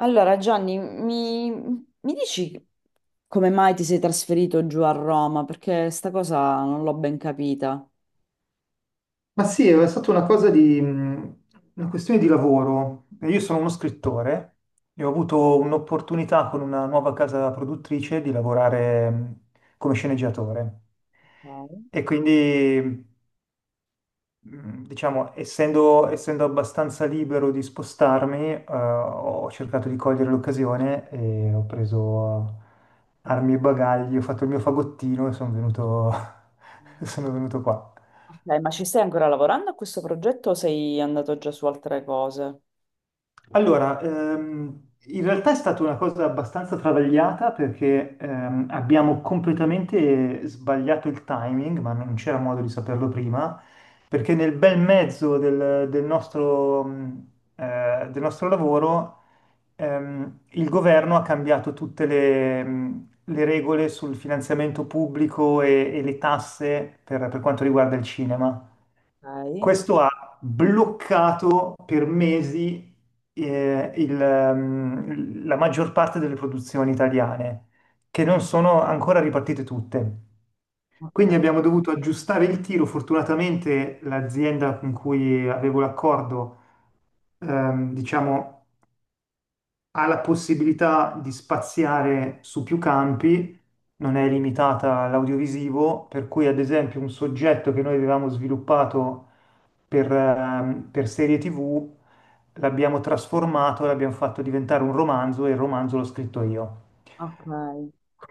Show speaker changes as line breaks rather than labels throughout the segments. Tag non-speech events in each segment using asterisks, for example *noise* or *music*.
Allora, Gianni, mi dici come mai ti sei trasferito giù a Roma? Perché sta cosa non l'ho ben capita.
Ma sì, è stata una cosa una questione di lavoro. Io sono uno scrittore e ho avuto un'opportunità con una nuova casa produttrice di lavorare come sceneggiatore.
Ok.
E quindi, diciamo, essendo abbastanza libero di spostarmi, ho cercato di cogliere l'occasione e ho preso armi e bagagli, ho fatto il mio fagottino e sono venuto, *laughs* sono venuto qua.
Ok, ma ci stai ancora lavorando a questo progetto o sei andato già su altre cose?
Allora, in realtà è stata una cosa abbastanza travagliata perché abbiamo completamente sbagliato il timing, ma non c'era modo di saperlo prima, perché nel bel mezzo del nostro, del nostro lavoro il governo ha cambiato tutte le regole sul finanziamento pubblico e le tasse per quanto riguarda il cinema.
Ok.
Questo ha bloccato per mesi la maggior parte delle produzioni italiane, che non sono ancora ripartite tutte. Quindi
Ok,
abbiamo dovuto aggiustare il tiro. Fortunatamente l'azienda con cui avevo l'accordo, diciamo, ha la possibilità di spaziare su più campi, non è limitata all'audiovisivo, per cui ad esempio un soggetto che noi avevamo sviluppato per serie TV l'abbiamo trasformato, l'abbiamo fatto diventare un romanzo e il romanzo l'ho scritto io.
ok.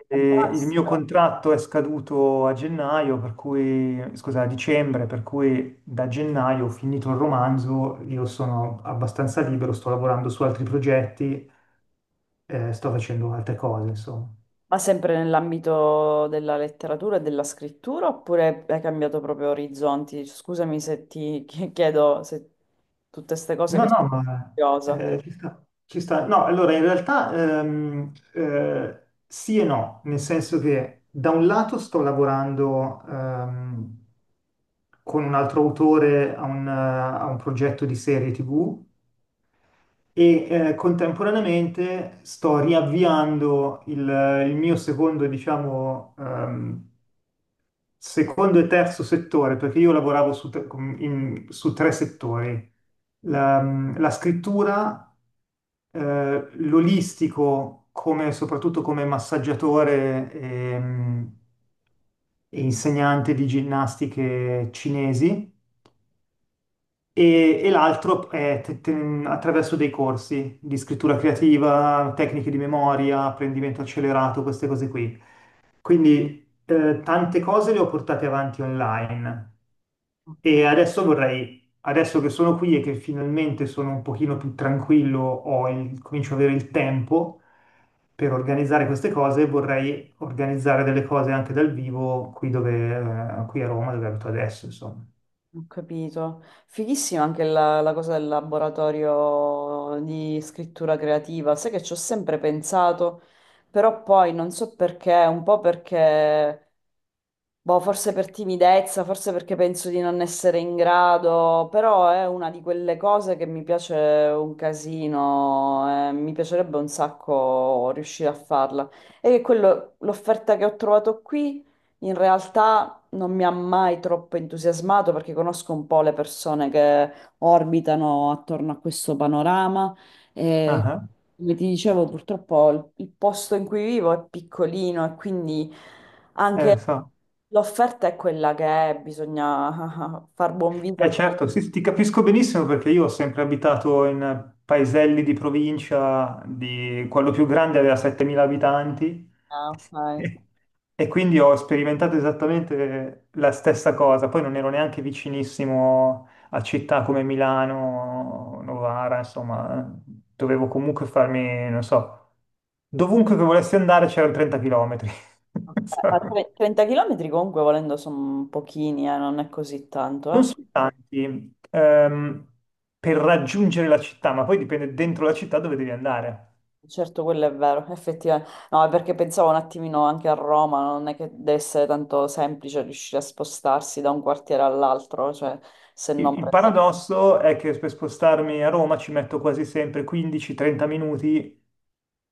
E il mio
Fantastico.
contratto è scaduto a gennaio, per cui, scusa, a dicembre, per cui da gennaio ho finito il romanzo, io sono abbastanza libero, sto lavorando su altri progetti, sto facendo altre cose, insomma.
Ma sempre nell'ambito della letteratura e della scrittura oppure hai cambiato proprio orizzonti? Scusami se ti *laughs* chiedo se tutte queste cose
No,
che sono
no, ma
curiosa.
ci sta, ci sta. No, allora in realtà sì e no, nel senso che da un lato sto lavorando con un altro autore a a un progetto di serie TV e contemporaneamente sto riavviando il mio secondo, diciamo, secondo e terzo settore, perché io lavoravo su, tre su tre settori. La, la scrittura, l'olistico, come, soprattutto come massaggiatore, e insegnante di ginnastiche cinesi, e l'altro è attraverso dei corsi di scrittura creativa, tecniche di memoria, apprendimento accelerato, queste cose qui. Quindi, tante cose le ho portate avanti online.
Ok.
E adesso vorrei, adesso che sono qui e che finalmente sono un pochino più tranquillo, comincio ad avere il tempo per organizzare queste cose, vorrei organizzare delle cose anche dal vivo qui, dove, qui a Roma, dove abito adesso, insomma.
Ho capito. Fighissima anche la cosa del laboratorio di scrittura creativa. Sai che ci ho sempre pensato, però poi non so perché, un po' perché. Boh, forse per timidezza, forse perché penso di non essere in grado, però è una di quelle cose che mi piace un casino, mi piacerebbe un sacco riuscire a farla. E che quello, l'offerta che ho trovato qui in realtà non mi ha mai troppo entusiasmato perché conosco un po' le persone che orbitano attorno a questo panorama e
Ah,
come ti dicevo, purtroppo il posto in cui vivo è piccolino e quindi.
ah,
Anche
so.
l'offerta è quella che è, bisogna *laughs* far buon viso.
Eh certo, sì, sì, ti capisco benissimo perché io ho sempre abitato in paeselli di provincia, di quello più grande aveva 7.000 abitanti.
Ah,
*laughs*
ok.
e e quindi ho sperimentato esattamente la stessa cosa. Poi non ero neanche vicinissimo a città come Milano, Novara, insomma, dovevo comunque farmi, non so, dovunque che volessi andare c'erano 30 chilometri.
Ok.
*laughs*
30 km comunque volendo sono pochini, non è così
Non
tanto.
sono tanti, per raggiungere la città, ma poi dipende dentro la città dove devi andare.
Eh. Certo, quello è vero, effettivamente. No, è perché pensavo un attimino anche a Roma, non è che deve essere tanto semplice riuscire a spostarsi da un quartiere all'altro, cioè se non
Il
prendete.
paradosso è che per spostarmi a Roma ci metto quasi sempre 15-30 minuti,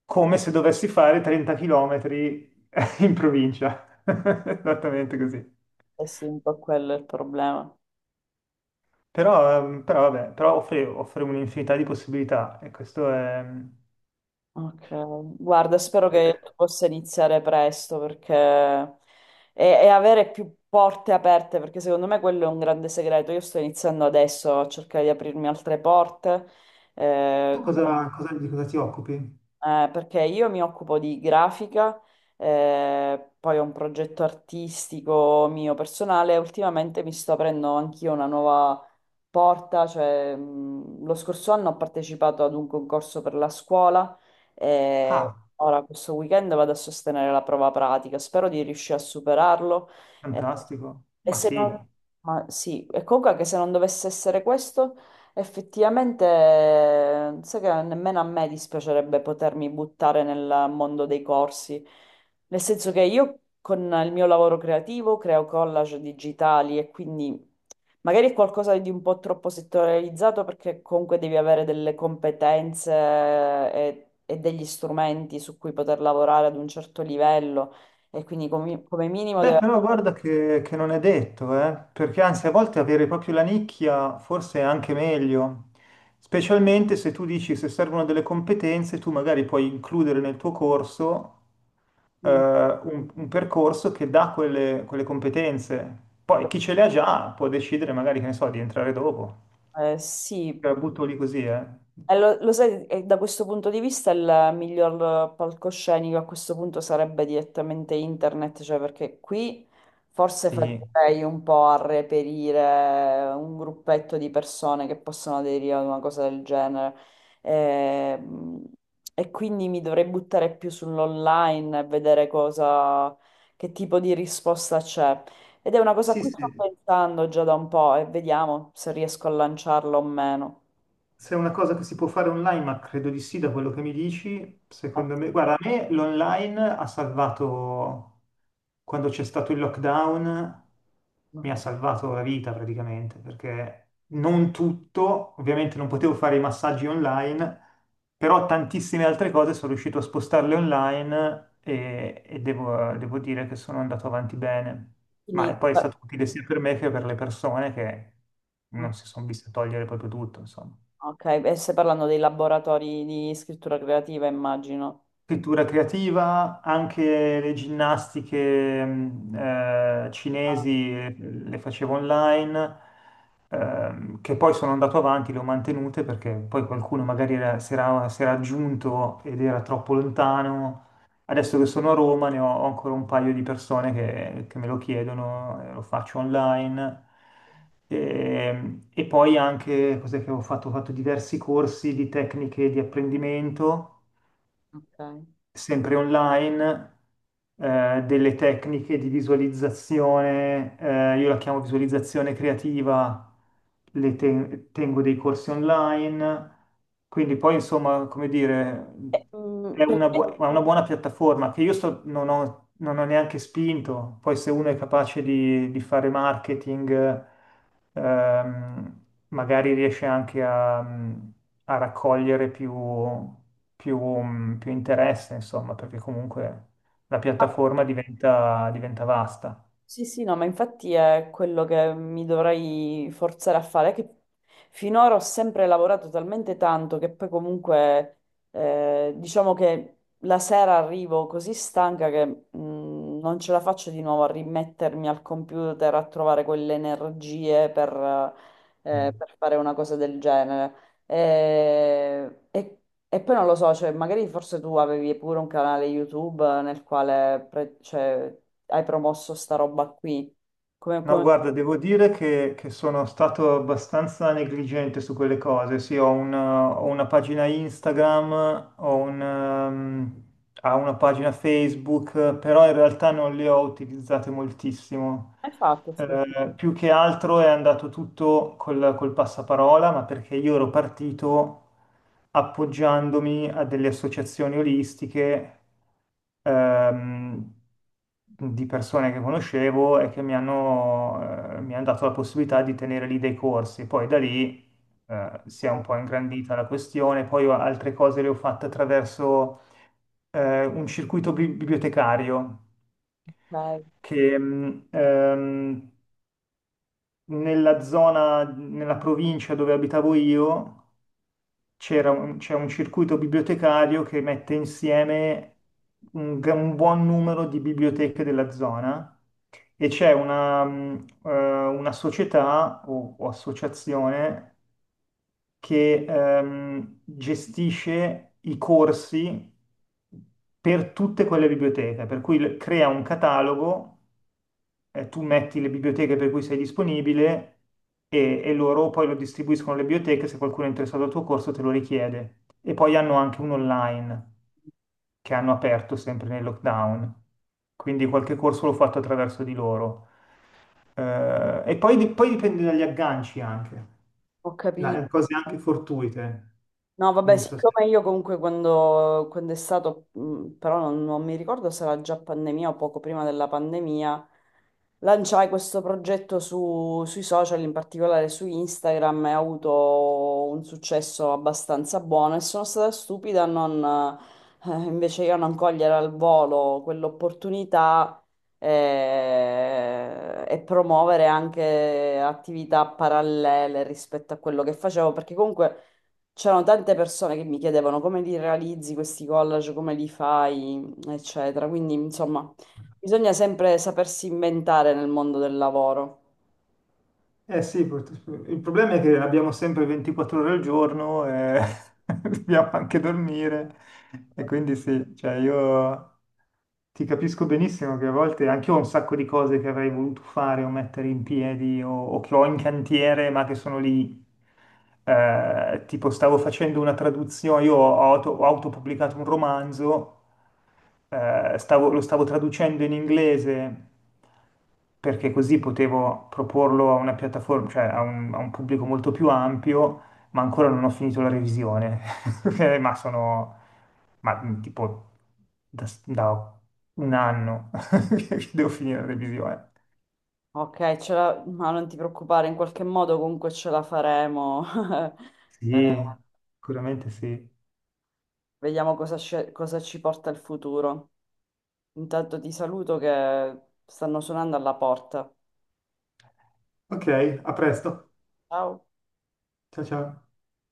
come se dovessi fare 30 km *laughs* in provincia. *laughs* Esattamente così.
Eh sì, un po' quello è il problema.
Però, però vabbè, però offre, offre un'infinità di possibilità e questo è...
Ok, guarda, spero che possa iniziare presto perché, e avere più porte aperte, perché secondo me quello è un grande segreto. Io sto iniziando adesso a cercare di aprirmi altre porte,
Tu
come
di cosa ti occupi?
perché io mi occupo di grafica, poi ho un progetto artistico mio personale. Ultimamente mi sto aprendo anch'io una nuova porta, cioè, lo scorso anno ho partecipato ad un concorso per la scuola e
Ah,
ora questo weekend vado a sostenere la prova pratica. Spero di riuscire a superarlo. eh,
fantastico.
e
Ma
se non,
sì,
ma sì, e comunque anche se non dovesse essere questo. Effettivamente, sai che nemmeno a me dispiacerebbe potermi buttare nel mondo dei corsi, nel senso che io con il mio lavoro creativo creo collage digitali e quindi magari è qualcosa di un po' troppo settorializzato perché comunque devi avere delle competenze e degli strumenti su cui poter lavorare ad un certo livello e quindi come, come minimo
beh,
deve.
però guarda che non è detto, eh. Perché anzi a volte avere proprio la nicchia forse è anche meglio, specialmente se tu dici se servono delle competenze, tu magari puoi includere nel tuo corso un percorso che dà quelle, quelle competenze. Poi chi ce le ha già può decidere magari, che ne so, di entrare dopo. Te
Sì.
la butto lì così, eh?
Lo sai, da questo punto di vista il miglior palcoscenico a questo punto sarebbe direttamente internet, cioè perché qui forse
Sì.
farei un po' a reperire un gruppetto di persone che possono aderire ad una cosa del genere. Ehm, E quindi mi dovrei buttare più sull'online e vedere cosa, che tipo di risposta c'è. Ed è una cosa a
Sì,
cui sto
sì.
pensando già da un po' e vediamo se riesco a lanciarlo o meno.
Se è una cosa che si può fare online, ma credo di sì, da quello che mi dici,
Eh,
secondo me, guarda, a me l'online ha salvato, quando c'è stato il lockdown, mi ha
Ok.
salvato la vita praticamente, perché non tutto, ovviamente non potevo fare i massaggi online, però tantissime altre cose sono riuscito a spostarle online e devo, devo dire che sono andato avanti bene. Ma
Quindi,
e poi è
beh,
stato utile sia per me che per le persone che
mm,
non si sono viste togliere proprio tutto, insomma.
ok, e stai parlando dei laboratori di scrittura creativa, immagino.
Scrittura creativa, anche le ginnastiche
Ah,
cinesi, le facevo online, che poi sono andato avanti, le ho mantenute perché poi qualcuno magari si era aggiunto ed era troppo lontano. Adesso che sono a Roma ho ancora un paio di persone che me lo chiedono, lo faccio online. E poi anche, cos'è che ho fatto? Ho fatto diversi corsi di tecniche di apprendimento
ok.
sempre online, delle tecniche di visualizzazione, io la chiamo visualizzazione creativa, tengo dei corsi online, quindi poi insomma, come dire,
E,
è è una buona piattaforma che io non ho neanche spinto, poi se uno è capace di fare marketing, ehm, magari riesce anche a a raccogliere più interesse, insomma, perché comunque la piattaforma diventa, diventa vasta.
Sì, sì, no, ma infatti è quello che mi dovrei forzare a fare, che finora ho sempre lavorato talmente tanto che poi comunque diciamo che la sera arrivo così stanca che non ce la faccio di nuovo a rimettermi al computer a trovare quelle energie
Mm.
per fare una cosa del genere. E e poi non lo so, cioè, magari forse tu avevi pure un canale YouTube nel quale, cioè, hai promosso sta roba qui? Come,
No,
come come
guarda, devo dire che sono stato abbastanza negligente su quelle cose. Sì, ho una pagina Instagram, ho una pagina Facebook, però in realtà non le ho utilizzate moltissimo.
hai fatto? Scusa.
Più che altro è andato tutto col passaparola, ma perché io ero partito, appoggiandomi a delle associazioni olistiche, ehm, di persone che conoscevo e che mi hanno dato la possibilità di tenere lì dei corsi. Poi da lì, si è un
Ok,
po' ingrandita la questione, poi altre cose le ho fatte attraverso un circuito bibliotecario
ok,
che nella zona, nella provincia dove abitavo io, c'è un circuito bibliotecario che mette insieme un buon numero di biblioteche della zona e c'è una società o associazione che, gestisce i corsi per tutte quelle biblioteche, per cui crea un catalogo, tu metti le biblioteche per cui sei disponibile e loro poi lo distribuiscono alle biblioteche se qualcuno è interessato al tuo corso te lo richiede. E poi hanno anche un online che hanno aperto sempre nel lockdown, quindi qualche corso l'ho fatto attraverso di loro. E poi, poi dipende dagli agganci anche,
ho capito.
cose anche fortuite.
No, vabbè,
Non so se...
siccome io comunque quando è stato, però non mi ricordo se era già pandemia o poco prima della pandemia, lanciai questo progetto sui social, in particolare su Instagram, e ha avuto un successo abbastanza buono e sono stata stupida a non, invece io a non cogliere al volo quell'opportunità, e promuovere anche attività parallele rispetto a quello che facevo, perché comunque. C'erano tante persone che mi chiedevano come li realizzi questi collage, come li fai, eccetera. Quindi, insomma, bisogna sempre sapersi inventare nel mondo del lavoro.
Eh sì, il problema è che abbiamo sempre 24 ore al giorno e *laughs* dobbiamo anche dormire e quindi sì, cioè io ti capisco benissimo che a volte anche io ho un sacco di cose che avrei voluto fare o mettere in piedi o che ho in cantiere ma che sono lì. Tipo stavo facendo una traduzione, io ho, ho autopubblicato un romanzo, lo stavo traducendo in inglese perché così potevo proporlo a una piattaforma, cioè a un pubblico molto più ampio, ma ancora non ho finito la revisione. *laughs* Ma sono ma, tipo da un anno *laughs* che devo finire la revisione.
Ok, ma non ti preoccupare, in qualche modo comunque ce la faremo. *laughs* Eh,
Sì, sicuramente sì.
vediamo cosa, cosa ci porta il futuro. Intanto ti saluto che stanno suonando alla porta.
Ok, a presto.
Ciao.
Ciao ciao.